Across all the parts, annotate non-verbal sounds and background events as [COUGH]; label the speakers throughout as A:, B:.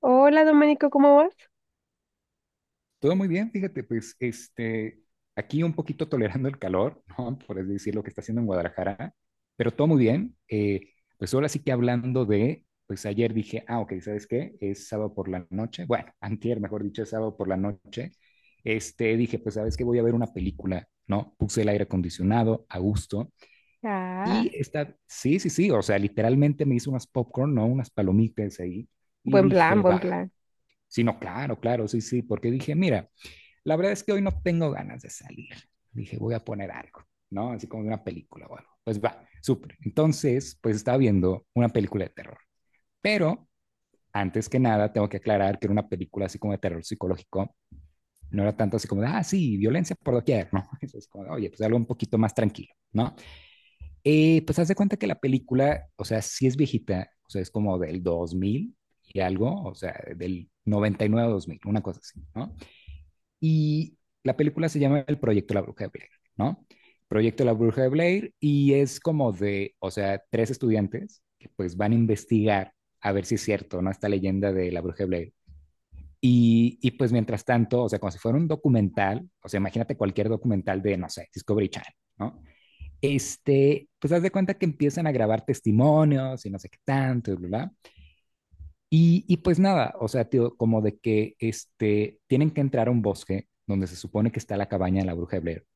A: Hola, Domenico, ¿cómo vas?
B: Todo muy bien, fíjate, pues aquí un poquito tolerando el calor, [LAUGHS] ¿no? Por así decir lo que está haciendo en Guadalajara, pero todo muy bien. Pues ahora sí que hablando pues ayer dije, ok, ¿sabes qué? Es sábado por la noche, bueno, [LAUGHS] antier, mejor dicho, es sábado por la noche. Dije, pues sabes qué, voy a ver una película, ¿no? Puse el aire acondicionado a gusto y
A: Ah,
B: está, sí, sí, sí, o sea, literalmente me hice unas popcorn, ¿no? Unas palomitas ahí y
A: buen plan,
B: dije,
A: buen
B: va,
A: plan.
B: sí, no, claro, claro, sí, sí, porque dije, mira, la verdad es que hoy no tengo ganas de salir. Dije, voy a poner algo, ¿no? Así como una película o algo. Pues va, súper. Entonces, pues estaba viendo una película de terror. Pero antes que nada, tengo que aclarar que era una película así como de terror psicológico. No era tanto así como, ah, sí, violencia por doquier, ¿no? [LAUGHS] Eso es como, oye, pues algo un poquito más tranquilo, ¿no? Pues haz de cuenta que la película, o sea, sí es viejita, o sea, es como del 2000 y algo, o sea, del 99 a 2000, una cosa así, ¿no? Y la película se llama El Proyecto de La Bruja de Blair, ¿no? Proyecto de La Bruja de Blair y es como de, o sea, tres estudiantes que pues van a investigar a ver si es cierto, ¿no? Esta leyenda de la Bruja de Blair. Y pues mientras tanto, o sea, como si fuera un documental, o sea, imagínate cualquier documental de, no sé, Discovery Channel, ¿no? Pues haz de cuenta que empiezan a grabar testimonios y no sé qué tanto, y bla, bla. Y pues nada, o sea, tío, como de que tienen que entrar a un bosque donde se supone que está la cabaña de la bruja de Blair,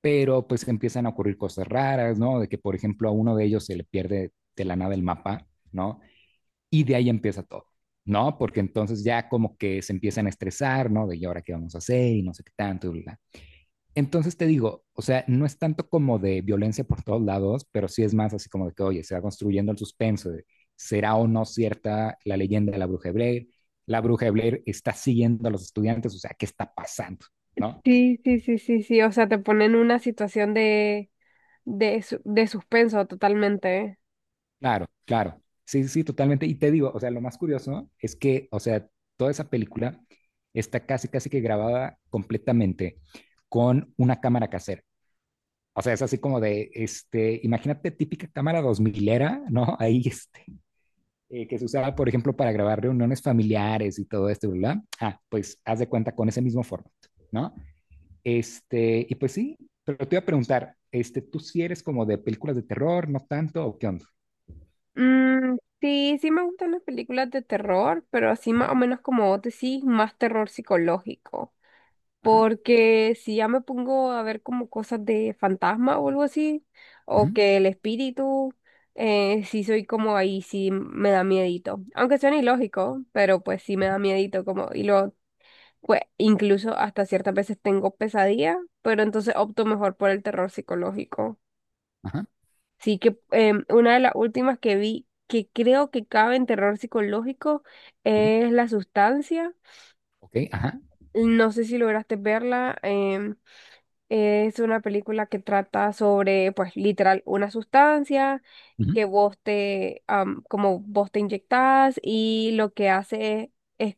B: pero pues empiezan a ocurrir cosas raras, ¿no? De que, por ejemplo, a uno de ellos se le pierde de la nada el mapa, ¿no? Y de ahí empieza todo, ¿no? Porque entonces ya como que se empiezan a estresar, ¿no? De y ahora qué vamos a hacer y no sé qué tanto, y bla. Entonces te digo, o sea, no es tanto como de violencia por todos lados, pero sí es más así como de que, oye, se va construyendo el suspenso de, será o no cierta la leyenda de la bruja de Blair, la bruja de Blair está siguiendo a los estudiantes, o sea, ¿qué está pasando? ¿No?
A: Sí, sí, sí, sí, sí. O sea, te ponen en una situación de suspenso totalmente.
B: Claro, claro. Sí, sí, totalmente. Y te digo, o sea, lo más curioso es que, o sea, toda esa película está casi, casi que grabada completamente con una cámara casera. O sea, es así como de, imagínate típica cámara dos milera, ¿no? Ahí, que se usaba, por ejemplo, para grabar reuniones familiares y todo esto, ¿verdad? Ah, pues haz de cuenta con ese mismo formato, ¿no? Y pues sí, pero te iba a preguntar, ¿tú si eres como de películas de terror, no tanto, o qué onda?
A: Mm, sí, sí me gustan las películas de terror, pero así más o menos como vos decís, más terror psicológico.
B: Ajá,
A: Porque si ya me pongo a ver como cosas de fantasma o algo así, o
B: ujú,
A: que el espíritu, sí soy como ahí, sí me da miedito. Aunque suene ilógico, pero pues sí me da miedito como, y lo Pues incluso hasta ciertas veces tengo pesadillas, pero entonces opto mejor por el terror psicológico.
B: ajá,
A: Sí que una de las últimas que vi que creo que cabe en terror psicológico
B: ujú,
A: es La Sustancia.
B: ok, ajá,
A: No sé si lograste verla. Es una película que trata sobre, pues literal, una sustancia
B: ujú,
A: que vos te inyectás y lo que hace es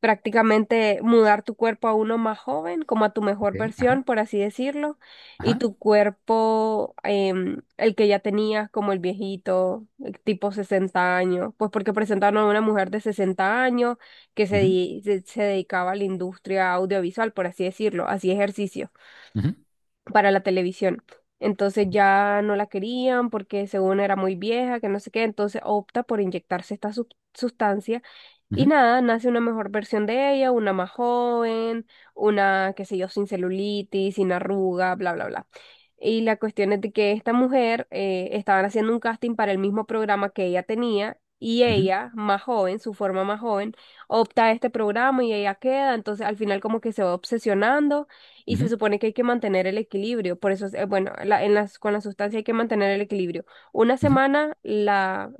A: prácticamente mudar tu cuerpo a uno más joven, como a tu mejor
B: ok, ajá,
A: versión, por así decirlo, y
B: ajá,
A: tu cuerpo, el que ya tenías como el viejito, el tipo 60 años, pues porque presentaron a una mujer de 60 años que se,
B: ujú,
A: di- se, se dedicaba a la industria audiovisual, por así decirlo, hacía ejercicio
B: ujú,
A: para la televisión. Entonces ya no la querían porque según era muy vieja, que no sé qué, entonces opta por inyectarse esta sustancia y
B: ujú,
A: nada, nace una mejor versión de ella, una más joven, una, qué sé yo, sin celulitis, sin arruga, bla, bla, bla. Y la cuestión es de que esta mujer estaban haciendo un casting para el mismo programa que ella tenía y
B: ujú,
A: ella, más joven, su forma más joven, opta a este programa y ella queda, entonces al final como que se va obsesionando y se
B: ujú,
A: supone que hay que mantener el equilibrio, por eso, bueno, con la sustancia hay que mantener el equilibrio. Una
B: ujú,
A: semana la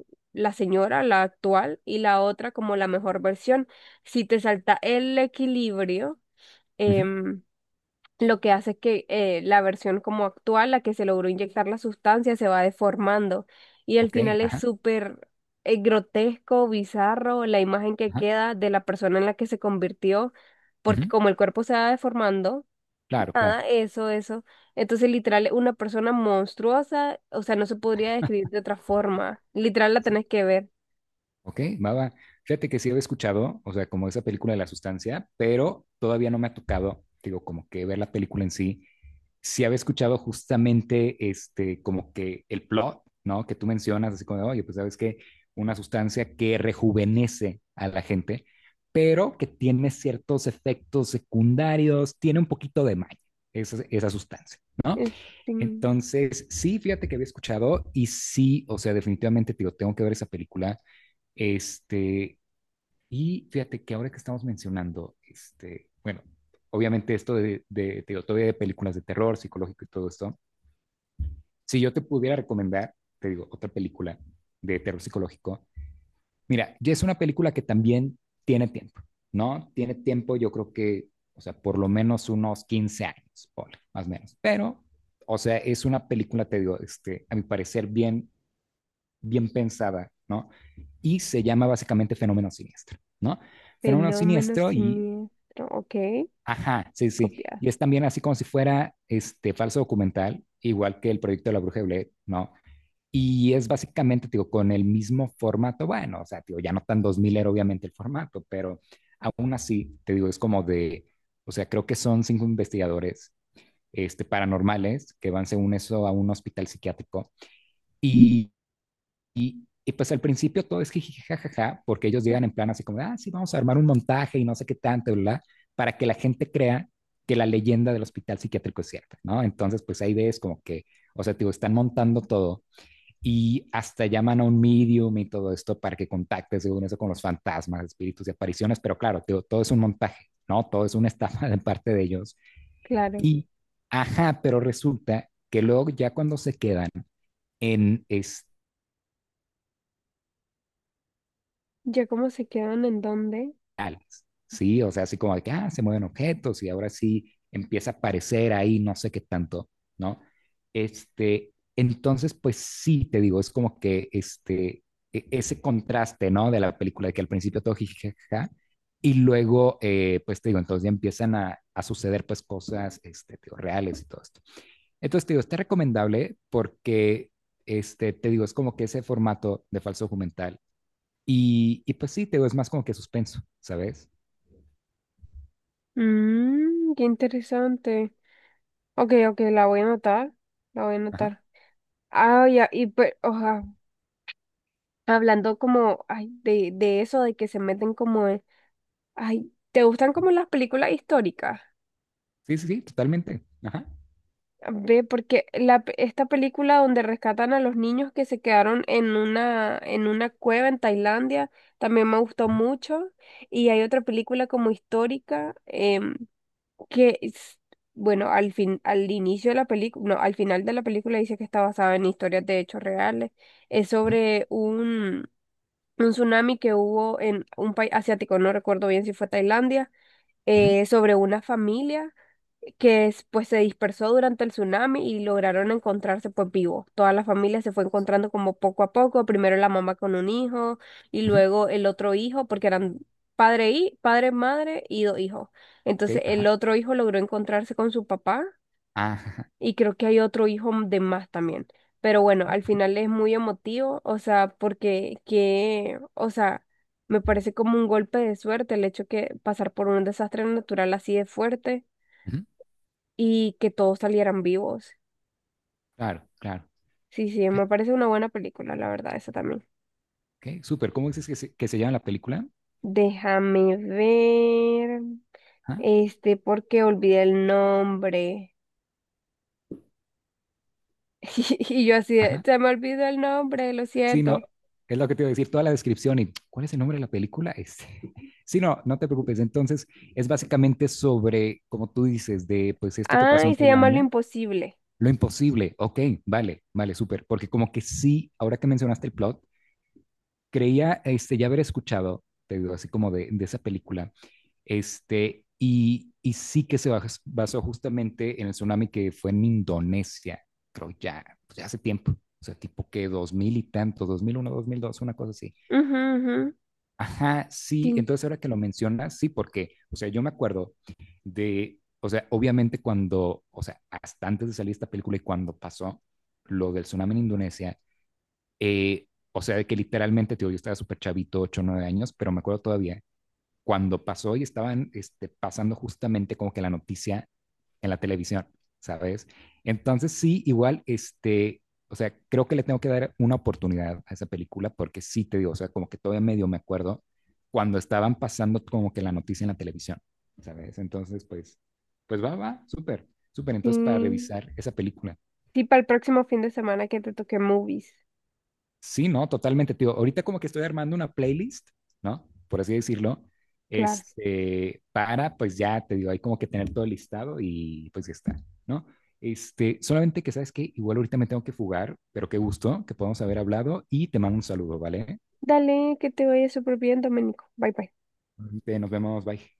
A: señora, la actual, y la otra como la mejor versión. Si te salta el equilibrio,
B: ujú,
A: em, lo que hace es que la versión como actual, la que se logró inyectar la sustancia, se va deformando. Y al
B: ok,
A: final es
B: ajá,
A: súper grotesco, bizarro, la imagen que
B: ajá,
A: queda de la persona en la que se convirtió, porque
B: ujú,
A: como el cuerpo se va deformando,
B: claro, claro,
A: nada, eso, eso. Entonces, literal, es una persona monstruosa, o sea, no se podría describir de otra
B: ajá,
A: forma. Literal, la
B: sí,
A: tenés que ver.
B: ok, va, va. Fíjate que sí había escuchado, o sea, como esa película de la sustancia, pero todavía no me ha tocado, digo, como que ver la película en sí. Sí había escuchado justamente, como que el plot, ¿no? Que tú mencionas, así como, de, oye, pues sabes que una sustancia que rejuvenece a la gente, pero que tiene ciertos efectos secundarios, tiene un poquito de maña, esa sustancia, ¿no?
A: Este
B: Entonces, sí, fíjate que había escuchado y sí, o sea, definitivamente, tío, tengo que ver esa película. Este, y fíjate que ahora que estamos mencionando, bueno, obviamente esto te digo, todavía de películas de terror psicológico y todo esto, si yo te pudiera recomendar, te digo, otra película de terror psicológico. Mira, ya es una película que también tiene tiempo, ¿no? Tiene tiempo, yo creo que, o sea, por lo menos unos 15 años, ponle, más o menos. Pero, o sea, es una película, te digo, a mi parecer, bien, bien pensada, ¿no? Y se llama básicamente Fenómeno Siniestro, ¿no? Fenómeno
A: fenómeno
B: Siniestro y,
A: siniestro. Ok,
B: ajá, sí, sí.
A: copiado.
B: Y es también así como si fuera este falso documental, igual que el proyecto de la Bruja de Blair, ¿no? Y es básicamente, digo, con el mismo formato, bueno, o sea, digo, ya no tan 2000 era obviamente el formato, pero aún así, te digo, es como de, o sea, creo que son cinco investigadores paranormales que van según eso a un hospital psiquiátrico y, y pues al principio todo es jiji, jajaja, porque ellos llegan en plan así como, ah, sí, vamos a armar un montaje y no sé qué tanto, bla, para que la gente crea que la leyenda del hospital psiquiátrico es cierta, ¿no? Entonces, pues ahí ves como que, o sea, digo, están montando todo y hasta llaman a un medium y todo esto para que contacte, según eso, con los fantasmas, espíritus y apariciones, pero claro, todo es un montaje, ¿no? Todo es una [LAUGHS] estafa de parte de ellos.
A: Claro.
B: Y, ajá, pero resulta que luego ya cuando se quedan en, es,
A: ¿Ya cómo se quedan en dónde?
B: digitales, ¿sí? O sea, así como de que, ah, se mueven objetos y ahora sí empieza a aparecer ahí no sé qué tanto, ¿no? Entonces, pues sí, te digo, es como que ese contraste, ¿no? De la película, de que al principio todo jijijaja, y luego, pues te digo, entonces ya empiezan a suceder pues cosas, te digo, reales y todo esto. Entonces, te digo, está recomendable porque, te digo, es como que ese formato de falso documental. Y pues sí, te digo, es más como que suspenso, ¿sabes?
A: Mmm, qué interesante. Ok, ok, la voy a anotar. La voy a
B: Ajá.
A: anotar. Ah, ya, y pues, oja, hablando como, ay, de eso, de que se meten como en- Ay, ¿te gustan como las películas históricas?
B: Sí, sí, sí, totalmente. Ajá.
A: Ve, porque esta película donde rescatan a los niños que se quedaron en una cueva en Tailandia, también me gustó
B: Ajá.
A: mucho. Y hay otra película como histórica, que es- bueno, al fin, al inicio de la película, no, al final de la película dice que está basada en historias de hechos reales. Es
B: Ujú,
A: sobre un tsunami que hubo en un país asiático, no recuerdo bien si fue Tailandia
B: ujú,
A: sobre una familia pues se dispersó durante el tsunami y lograron encontrarse pues vivos. Toda la familia se fue encontrando como poco a poco, primero la mamá con un hijo y
B: ujú,
A: luego el otro hijo, porque eran padre, madre y 2 hijos.
B: ok,
A: Entonces el
B: ajá.
A: otro hijo logró encontrarse con su papá
B: Ah, ajá.
A: y creo que hay otro hijo de más también. Pero bueno, al
B: Ok,
A: final es muy emotivo, o sea, porque que, o sea, me parece como un golpe de suerte el hecho que pasar por un desastre natural así de fuerte
B: ujú,
A: y que todos salieran vivos.
B: claro, claro.
A: Sí, sí, me
B: Fíjate,
A: parece una buena película, la verdad, esa también.
B: ok, súper. ¿Cómo dices que que se llama la película?
A: Déjame ver,
B: Ajá.
A: este, porque olvidé el nombre. [LAUGHS] Y yo así, de,
B: Ajá.
A: se me olvidó el nombre, lo
B: Sí, no,
A: siento.
B: es lo que te iba a decir, toda la descripción y ¿cuál es el nombre de la película? Este. [LAUGHS] Sí, no, no te preocupes. Entonces, es básicamente sobre, como tú dices, de pues esto que pasó
A: Ay,
B: en
A: se llama Lo
B: Tailandia,
A: Imposible.
B: lo imposible. Ok, vale, vale, súper. Porque como que sí, ahora que mencionaste el plot, creía ya haber escuchado, te digo, así como de esa película. Y sí que se basó justamente en el tsunami que fue en Indonesia, creo ya, pues ya hace tiempo. O sea, tipo que 2000 y tanto, 2001, 2002, una cosa así.
A: Ujú, ujú.
B: Ajá, sí,
A: Sí.
B: entonces ahora que lo mencionas, sí, porque, o sea, yo me acuerdo de, o sea, obviamente cuando, o sea, hasta antes de salir esta película y cuando pasó lo del tsunami en Indonesia, eh, o sea, de que literalmente, tío, yo estaba súper chavito, 8 o 9 años, pero me acuerdo todavía cuando pasó y estaban pasando justamente como que la noticia en la televisión, ¿sabes? Entonces sí, igual, o sea, creo que le tengo que dar una oportunidad a esa película porque sí te digo, o sea, como que todavía medio me acuerdo cuando estaban pasando como que la noticia en la televisión, ¿sabes? Entonces, pues, pues va, va, súper, súper.
A: Sí,
B: Entonces, para revisar esa película.
A: sí, para el próximo fin de semana que te toque movies.
B: Sí, no, totalmente, tío. Ahorita como que estoy armando una playlist, ¿no? Por así decirlo,
A: Claro.
B: para, pues ya te digo, hay como que tener todo listado y pues ya está, ¿no? Solamente que sabes que igual ahorita me tengo que fugar, pero qué gusto que podamos haber hablado y te mando un saludo, ¿vale?
A: Dale, que te vaya súper bien, Domenico. Bye bye.
B: Ahorita nos vemos, bye.